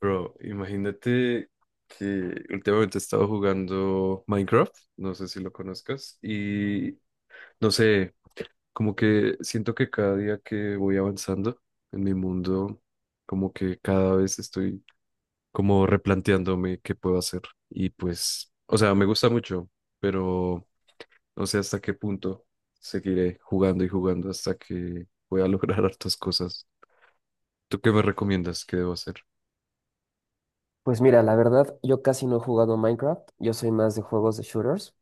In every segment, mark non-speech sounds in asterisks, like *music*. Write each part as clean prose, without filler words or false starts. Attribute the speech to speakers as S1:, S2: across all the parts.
S1: Bro, imagínate que últimamente he estado jugando Minecraft, no sé si lo conozcas, y no sé, como que siento que cada día que voy avanzando en mi mundo, como que cada vez estoy como replanteándome qué puedo hacer. Y pues, o sea, me gusta mucho, pero no sé hasta qué punto seguiré jugando y jugando hasta que pueda *laughs* lograr hartas cosas. ¿Tú qué me recomiendas que debo hacer?
S2: Pues mira, la verdad, yo casi no he jugado Minecraft, yo soy más de juegos de shooters.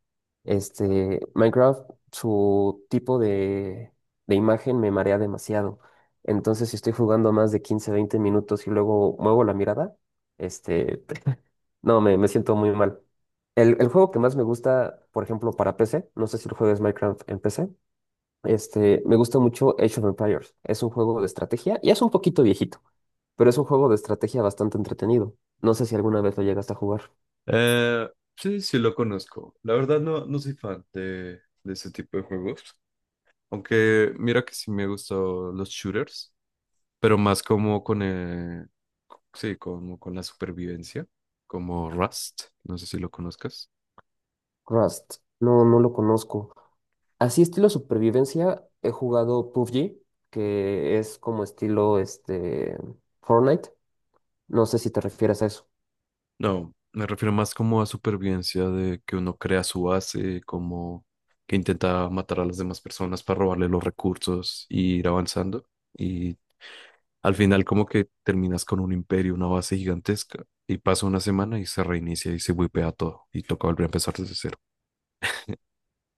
S2: Minecraft, su tipo de imagen me marea demasiado. Entonces, si estoy jugando más de 15, 20 minutos y luego muevo la mirada, este, no, me siento muy mal. El juego que más me gusta, por ejemplo, para PC, no sé si lo juegas Minecraft en PC. Me gusta mucho Age of Empires. Es un juego de estrategia y es un poquito viejito, pero es un juego de estrategia bastante entretenido. No sé si alguna vez lo llegaste a jugar.
S1: Eh, sí, sí lo conozco. La verdad no, no soy fan de ese tipo de juegos. Aunque mira que sí me gustan los shooters, pero más como con, sí, como con la supervivencia, como Rust, no sé si lo conozcas.
S2: Rust, no, no lo conozco. Así estilo supervivencia, he jugado PUBG, que es como estilo Fortnite. No sé si te refieres a eso.
S1: No, me refiero más como a supervivencia de que uno crea su base, como que intenta matar a las demás personas para robarle los recursos y ir avanzando. Y al final como que terminas con un imperio, una base gigantesca, y pasa una semana y se reinicia y se wipea todo y toca volver a empezar desde cero.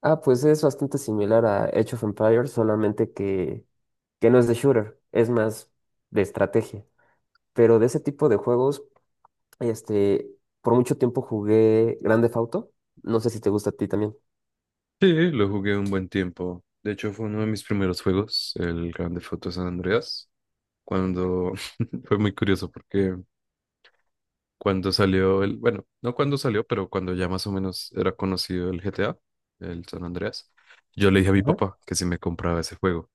S2: Ah, pues es bastante similar a Age of Empires, solamente que no es de shooter, es más de estrategia. Pero de ese tipo de juegos, este, por mucho tiempo jugué Grande Theft Auto. No sé si te gusta a ti también.
S1: Sí, lo jugué un buen tiempo. De hecho, fue uno de mis primeros juegos, el Grande Foto San Andreas, cuando *laughs* fue muy curioso porque... Cuando salió el, bueno, no cuando salió, pero cuando ya más o menos era conocido el GTA, el San Andreas, yo le dije a mi
S2: Ajá.
S1: papá que si me compraba ese juego.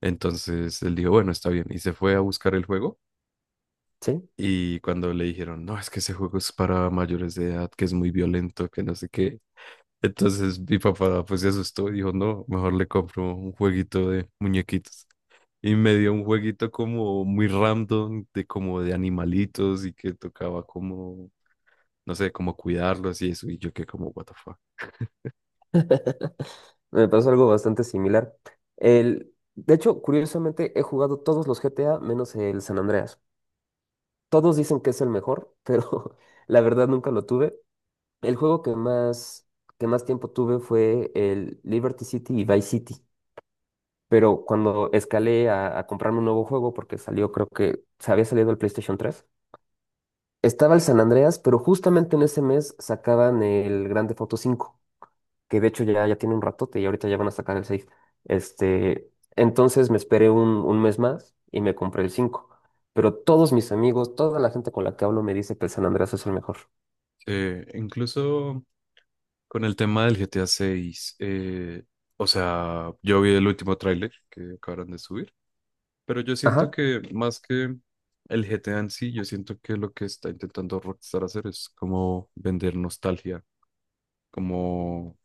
S1: Entonces él dijo, bueno, está bien, y se fue a buscar el juego.
S2: Sí.
S1: Y cuando le dijeron, no, es que ese juego es para mayores de edad, que es muy violento, que no sé qué. Entonces mi papá pues se asustó y dijo, no, mejor le compro un jueguito de muñequitos. Y me dio un jueguito como muy random, de como de animalitos y que tocaba como no sé, como cuidarlos y eso, y yo que como, what the fuck.
S2: Me pasó algo bastante similar. De hecho, curiosamente, he jugado todos los GTA menos el San Andreas. Todos dicen que es el mejor, pero *laughs* la verdad nunca lo tuve. El juego que más tiempo tuve fue el Liberty City y Vice City. Pero cuando escalé a comprarme un nuevo juego, porque salió, creo que se había salido el PlayStation 3, estaba el San Andreas, pero justamente en ese mes sacaban el Grande Foto 5, que de hecho ya, ya tiene un ratote y ahorita ya van a sacar el 6. Entonces me esperé un mes más y me compré el 5. Pero todos mis amigos, toda la gente con la que hablo me dice que el San Andreas es el mejor.
S1: Incluso con el tema del GTA 6, o sea, yo vi el último tráiler que acabaron de subir, pero yo siento
S2: Ajá.
S1: que más que el GTA en sí, yo siento que lo que está intentando Rockstar hacer es como vender nostalgia, como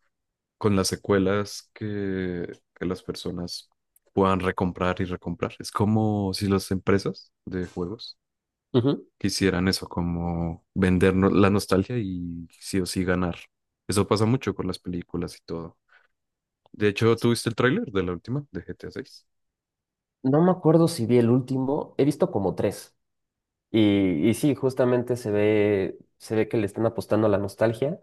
S1: con las secuelas que las personas puedan recomprar y recomprar. Es como si las empresas de juegos
S2: Ujú.
S1: que hicieran eso, como vendernos la nostalgia y sí o sí ganar. Eso pasa mucho con las películas y todo. De hecho,
S2: Sí.
S1: ¿tuviste el tráiler de la última, de GTA 6?
S2: No me acuerdo si vi el último, he visto como tres. Y sí, justamente se ve que le están apostando a la nostalgia,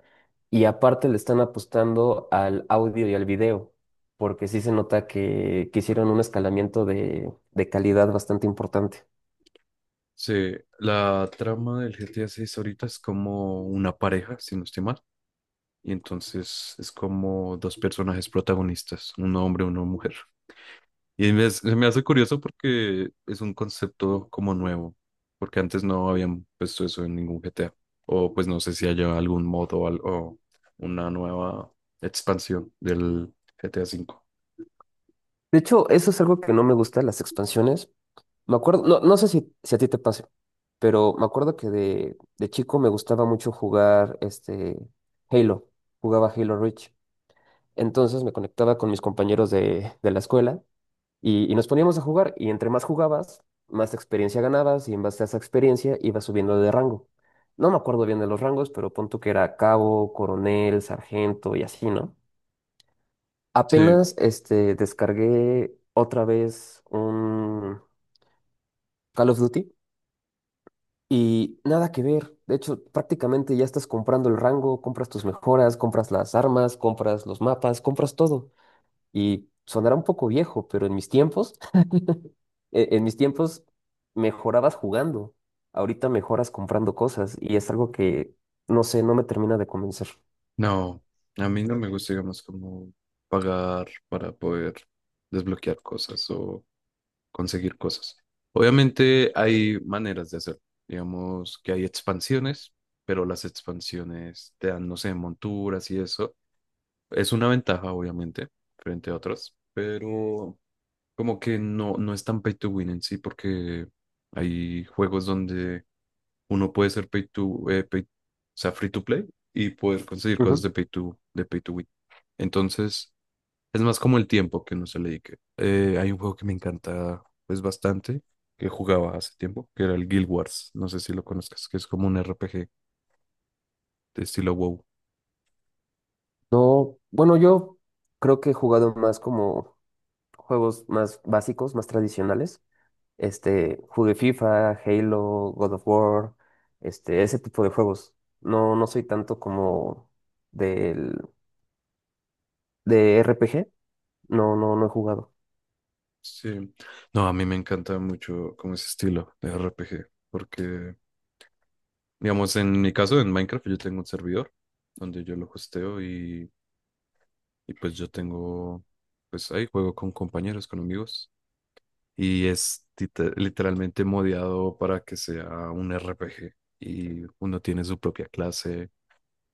S2: y aparte le están apostando al audio y al video, porque sí se nota que hicieron un escalamiento de calidad bastante importante.
S1: Sí, la trama del GTA 6 ahorita es como una pareja, si no estoy mal. Y entonces es como dos personajes protagonistas, un hombre y una mujer. Y se me hace curioso porque es un concepto como nuevo, porque antes no habían puesto eso en ningún GTA. O pues no sé si haya algún modo o, o una nueva expansión del GTA V.
S2: De hecho, eso es algo que no me gusta, las expansiones. Me acuerdo, no, no sé si a ti te pase, pero me acuerdo que de chico me gustaba mucho jugar Halo. Jugaba Halo Reach. Entonces me conectaba con mis compañeros de la escuela, y nos poníamos a jugar. Y entre más jugabas, más experiencia ganabas y en base a esa experiencia ibas subiendo de rango. No me acuerdo bien de los rangos, pero punto que era cabo, coronel, sargento y así, ¿no?
S1: Sí.
S2: Apenas descargué otra vez un Call of Duty y nada que ver. De hecho, prácticamente ya estás comprando el rango, compras tus mejoras, compras las armas, compras los mapas, compras todo. Y sonará un poco viejo, pero en mis tiempos, *laughs* e- en mis tiempos mejorabas jugando. Ahorita mejoras comprando cosas y es algo que, no sé, no me termina de convencer.
S1: No, a mí no me gusta, digamos, como pagar para poder desbloquear cosas o conseguir cosas. Obviamente hay maneras de hacerlo. Digamos que hay expansiones, pero las expansiones te dan, no sé, monturas y eso. Es una ventaja, obviamente, frente a otras, pero como que no, no es tan pay to win en sí, porque hay juegos donde uno puede ser o sea, free to play y poder conseguir cosas
S2: Ujú.
S1: de pay to win. Entonces, es más como el tiempo que uno se le dedique. Hay un juego que me encanta, pues bastante, que jugaba hace tiempo, que era el Guild Wars. No sé si lo conozcas, que es como un RPG de estilo WoW.
S2: No, bueno, yo creo que he jugado más como juegos más básicos, más tradicionales. Jugué FIFA, Halo, God of War, ese tipo de juegos. No, no soy tanto como del, de RPG. No, no, no he jugado.
S1: Sí. No, a mí me encanta mucho como ese estilo de RPG, porque, digamos, en mi caso, en Minecraft, yo tengo un servidor donde yo lo hosteo. Y pues yo tengo, pues ahí juego con compañeros, con amigos. Y es literalmente modeado para que sea un RPG. Y uno tiene su propia clase,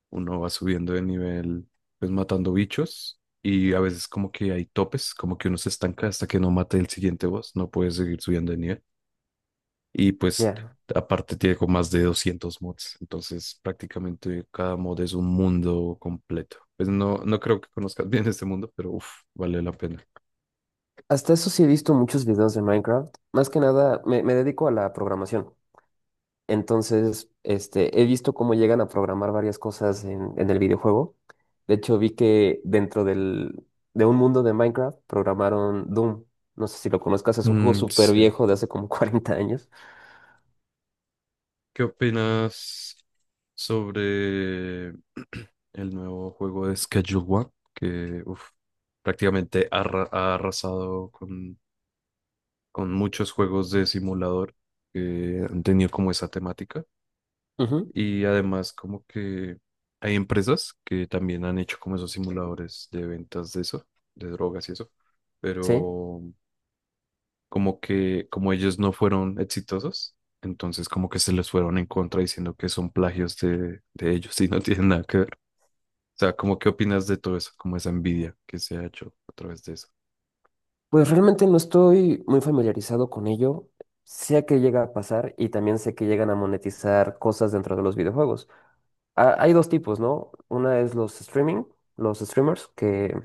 S1: uno va subiendo de nivel, pues matando bichos. Y a veces como que hay topes, como que uno se estanca hasta que no mate el siguiente boss, no puede seguir subiendo de nivel. Y pues
S2: Ya.
S1: aparte tiene como más de 200 mods, entonces prácticamente cada mod es un mundo completo. Pues no, no creo que conozcas *laughs* bien este mundo, pero uff, vale la pena.
S2: Hasta eso sí he visto muchos videos de Minecraft. Más que nada, me dedico a la programación. Entonces, he visto cómo llegan a programar varias cosas en el videojuego. De hecho, vi que dentro de un mundo de Minecraft programaron Doom. No sé si lo conozcas, es un juego
S1: Mm,
S2: súper
S1: sí.
S2: viejo de hace como *laughs* 40 años.
S1: ¿Qué opinas sobre *clears throat* el nuevo juego de Schedule One? Que uf, prácticamente ha arrasado con muchos juegos de simulador que han tenido como esa temática.
S2: Ujú.
S1: Y además como que hay empresas que también han hecho como esos simuladores de ventas de eso, de drogas y eso.
S2: Sí,
S1: Pero como que como ellos no fueron exitosos, entonces como que se les fueron en contra diciendo que son plagios de ellos y no *laughs* tienen nada que ver. O sea, ¿cómo qué opinas de todo eso? Como esa envidia que se ha hecho a través de eso.
S2: pues realmente no estoy muy familiarizado con ello. Sé que llega a pasar y también sé que llegan a monetizar cosas dentro de los videojuegos. Hay dos tipos, ¿no? Una es los streaming, los streamers que,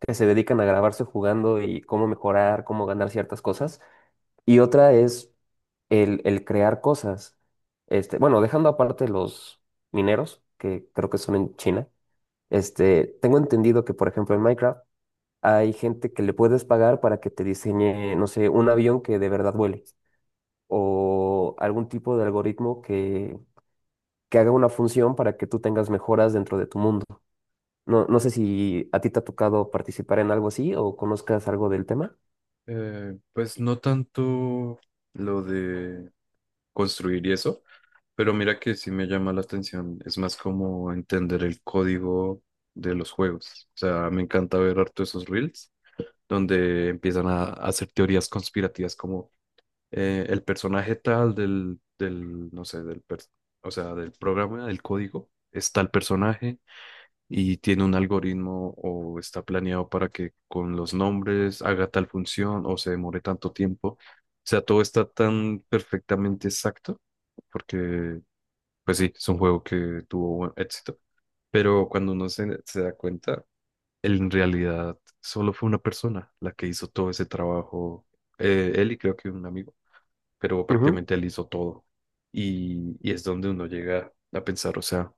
S2: que se dedican a grabarse jugando y cómo mejorar, cómo ganar ciertas cosas. Y otra es el crear cosas. Bueno, dejando aparte los mineros, que creo que son en China. Tengo entendido que, por ejemplo, en Minecraft hay gente que le puedes pagar para que te diseñe, no sé, un avión que de verdad vuele o algún tipo de algoritmo que haga una función para que tú tengas mejoras dentro de tu mundo. No, no sé si a ti te ha tocado participar en algo así o conozcas algo del tema.
S1: Pues no tanto lo de construir y eso, pero mira que sí me llama la atención. Es más como entender el código de los juegos. O sea, me encanta ver harto esos reels donde empiezan a hacer teorías conspirativas como el personaje tal no sé, o sea, del programa, del código, está el personaje y tiene un algoritmo o está planeado para que con los nombres haga tal función o se demore tanto tiempo. O sea, todo está tan perfectamente exacto porque, pues sí, es un juego que tuvo buen éxito. Pero cuando uno se da cuenta, en realidad solo fue una persona la que hizo todo ese trabajo. Él y creo que un amigo, pero
S2: Ujú.
S1: prácticamente él hizo todo. Y es donde uno llega a pensar, o sea,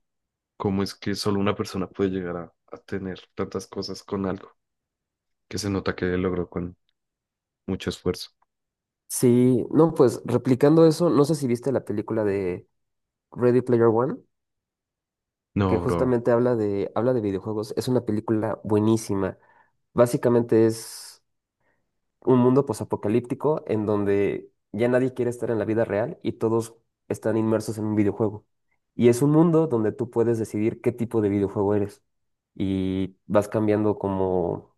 S1: ¿cómo es que solo una persona puede llegar a tener tantas cosas con algo que se nota que logró con mucho esfuerzo?
S2: Sí, no, pues replicando eso, no sé si viste la película de Ready Player One, que
S1: No, bro.
S2: justamente habla de videojuegos. Es una película buenísima. Básicamente es un mundo posapocalíptico en donde ya nadie quiere estar en la vida real y todos están inmersos en un videojuego. Y es un mundo donde tú puedes decidir qué tipo de videojuego eres. Y vas cambiando como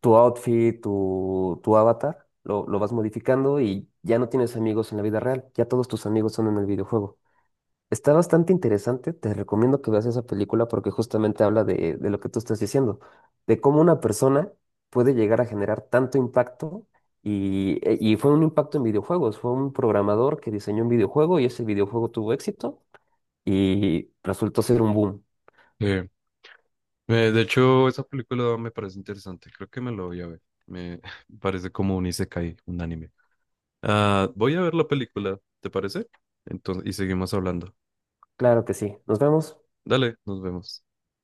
S2: tu outfit, tu avatar, lo vas modificando y ya no tienes amigos en la vida real, ya todos tus amigos son en el videojuego. Está bastante interesante, te recomiendo que veas esa película porque justamente habla de lo que tú estás diciendo, de cómo una persona puede llegar a generar tanto impacto, y fue un impacto en videojuegos, fue un programador que diseñó un videojuego y ese videojuego tuvo éxito y resultó ser un boom.
S1: Eh, de hecho, esa película me parece interesante. Creo que me la voy a ver. Me *laughs* parece como un isekai, un anime. Ah, voy a ver la película, ¿te parece? Entonces, y seguimos hablando.
S2: Claro que sí, nos vemos.
S1: Dale, nos vemos.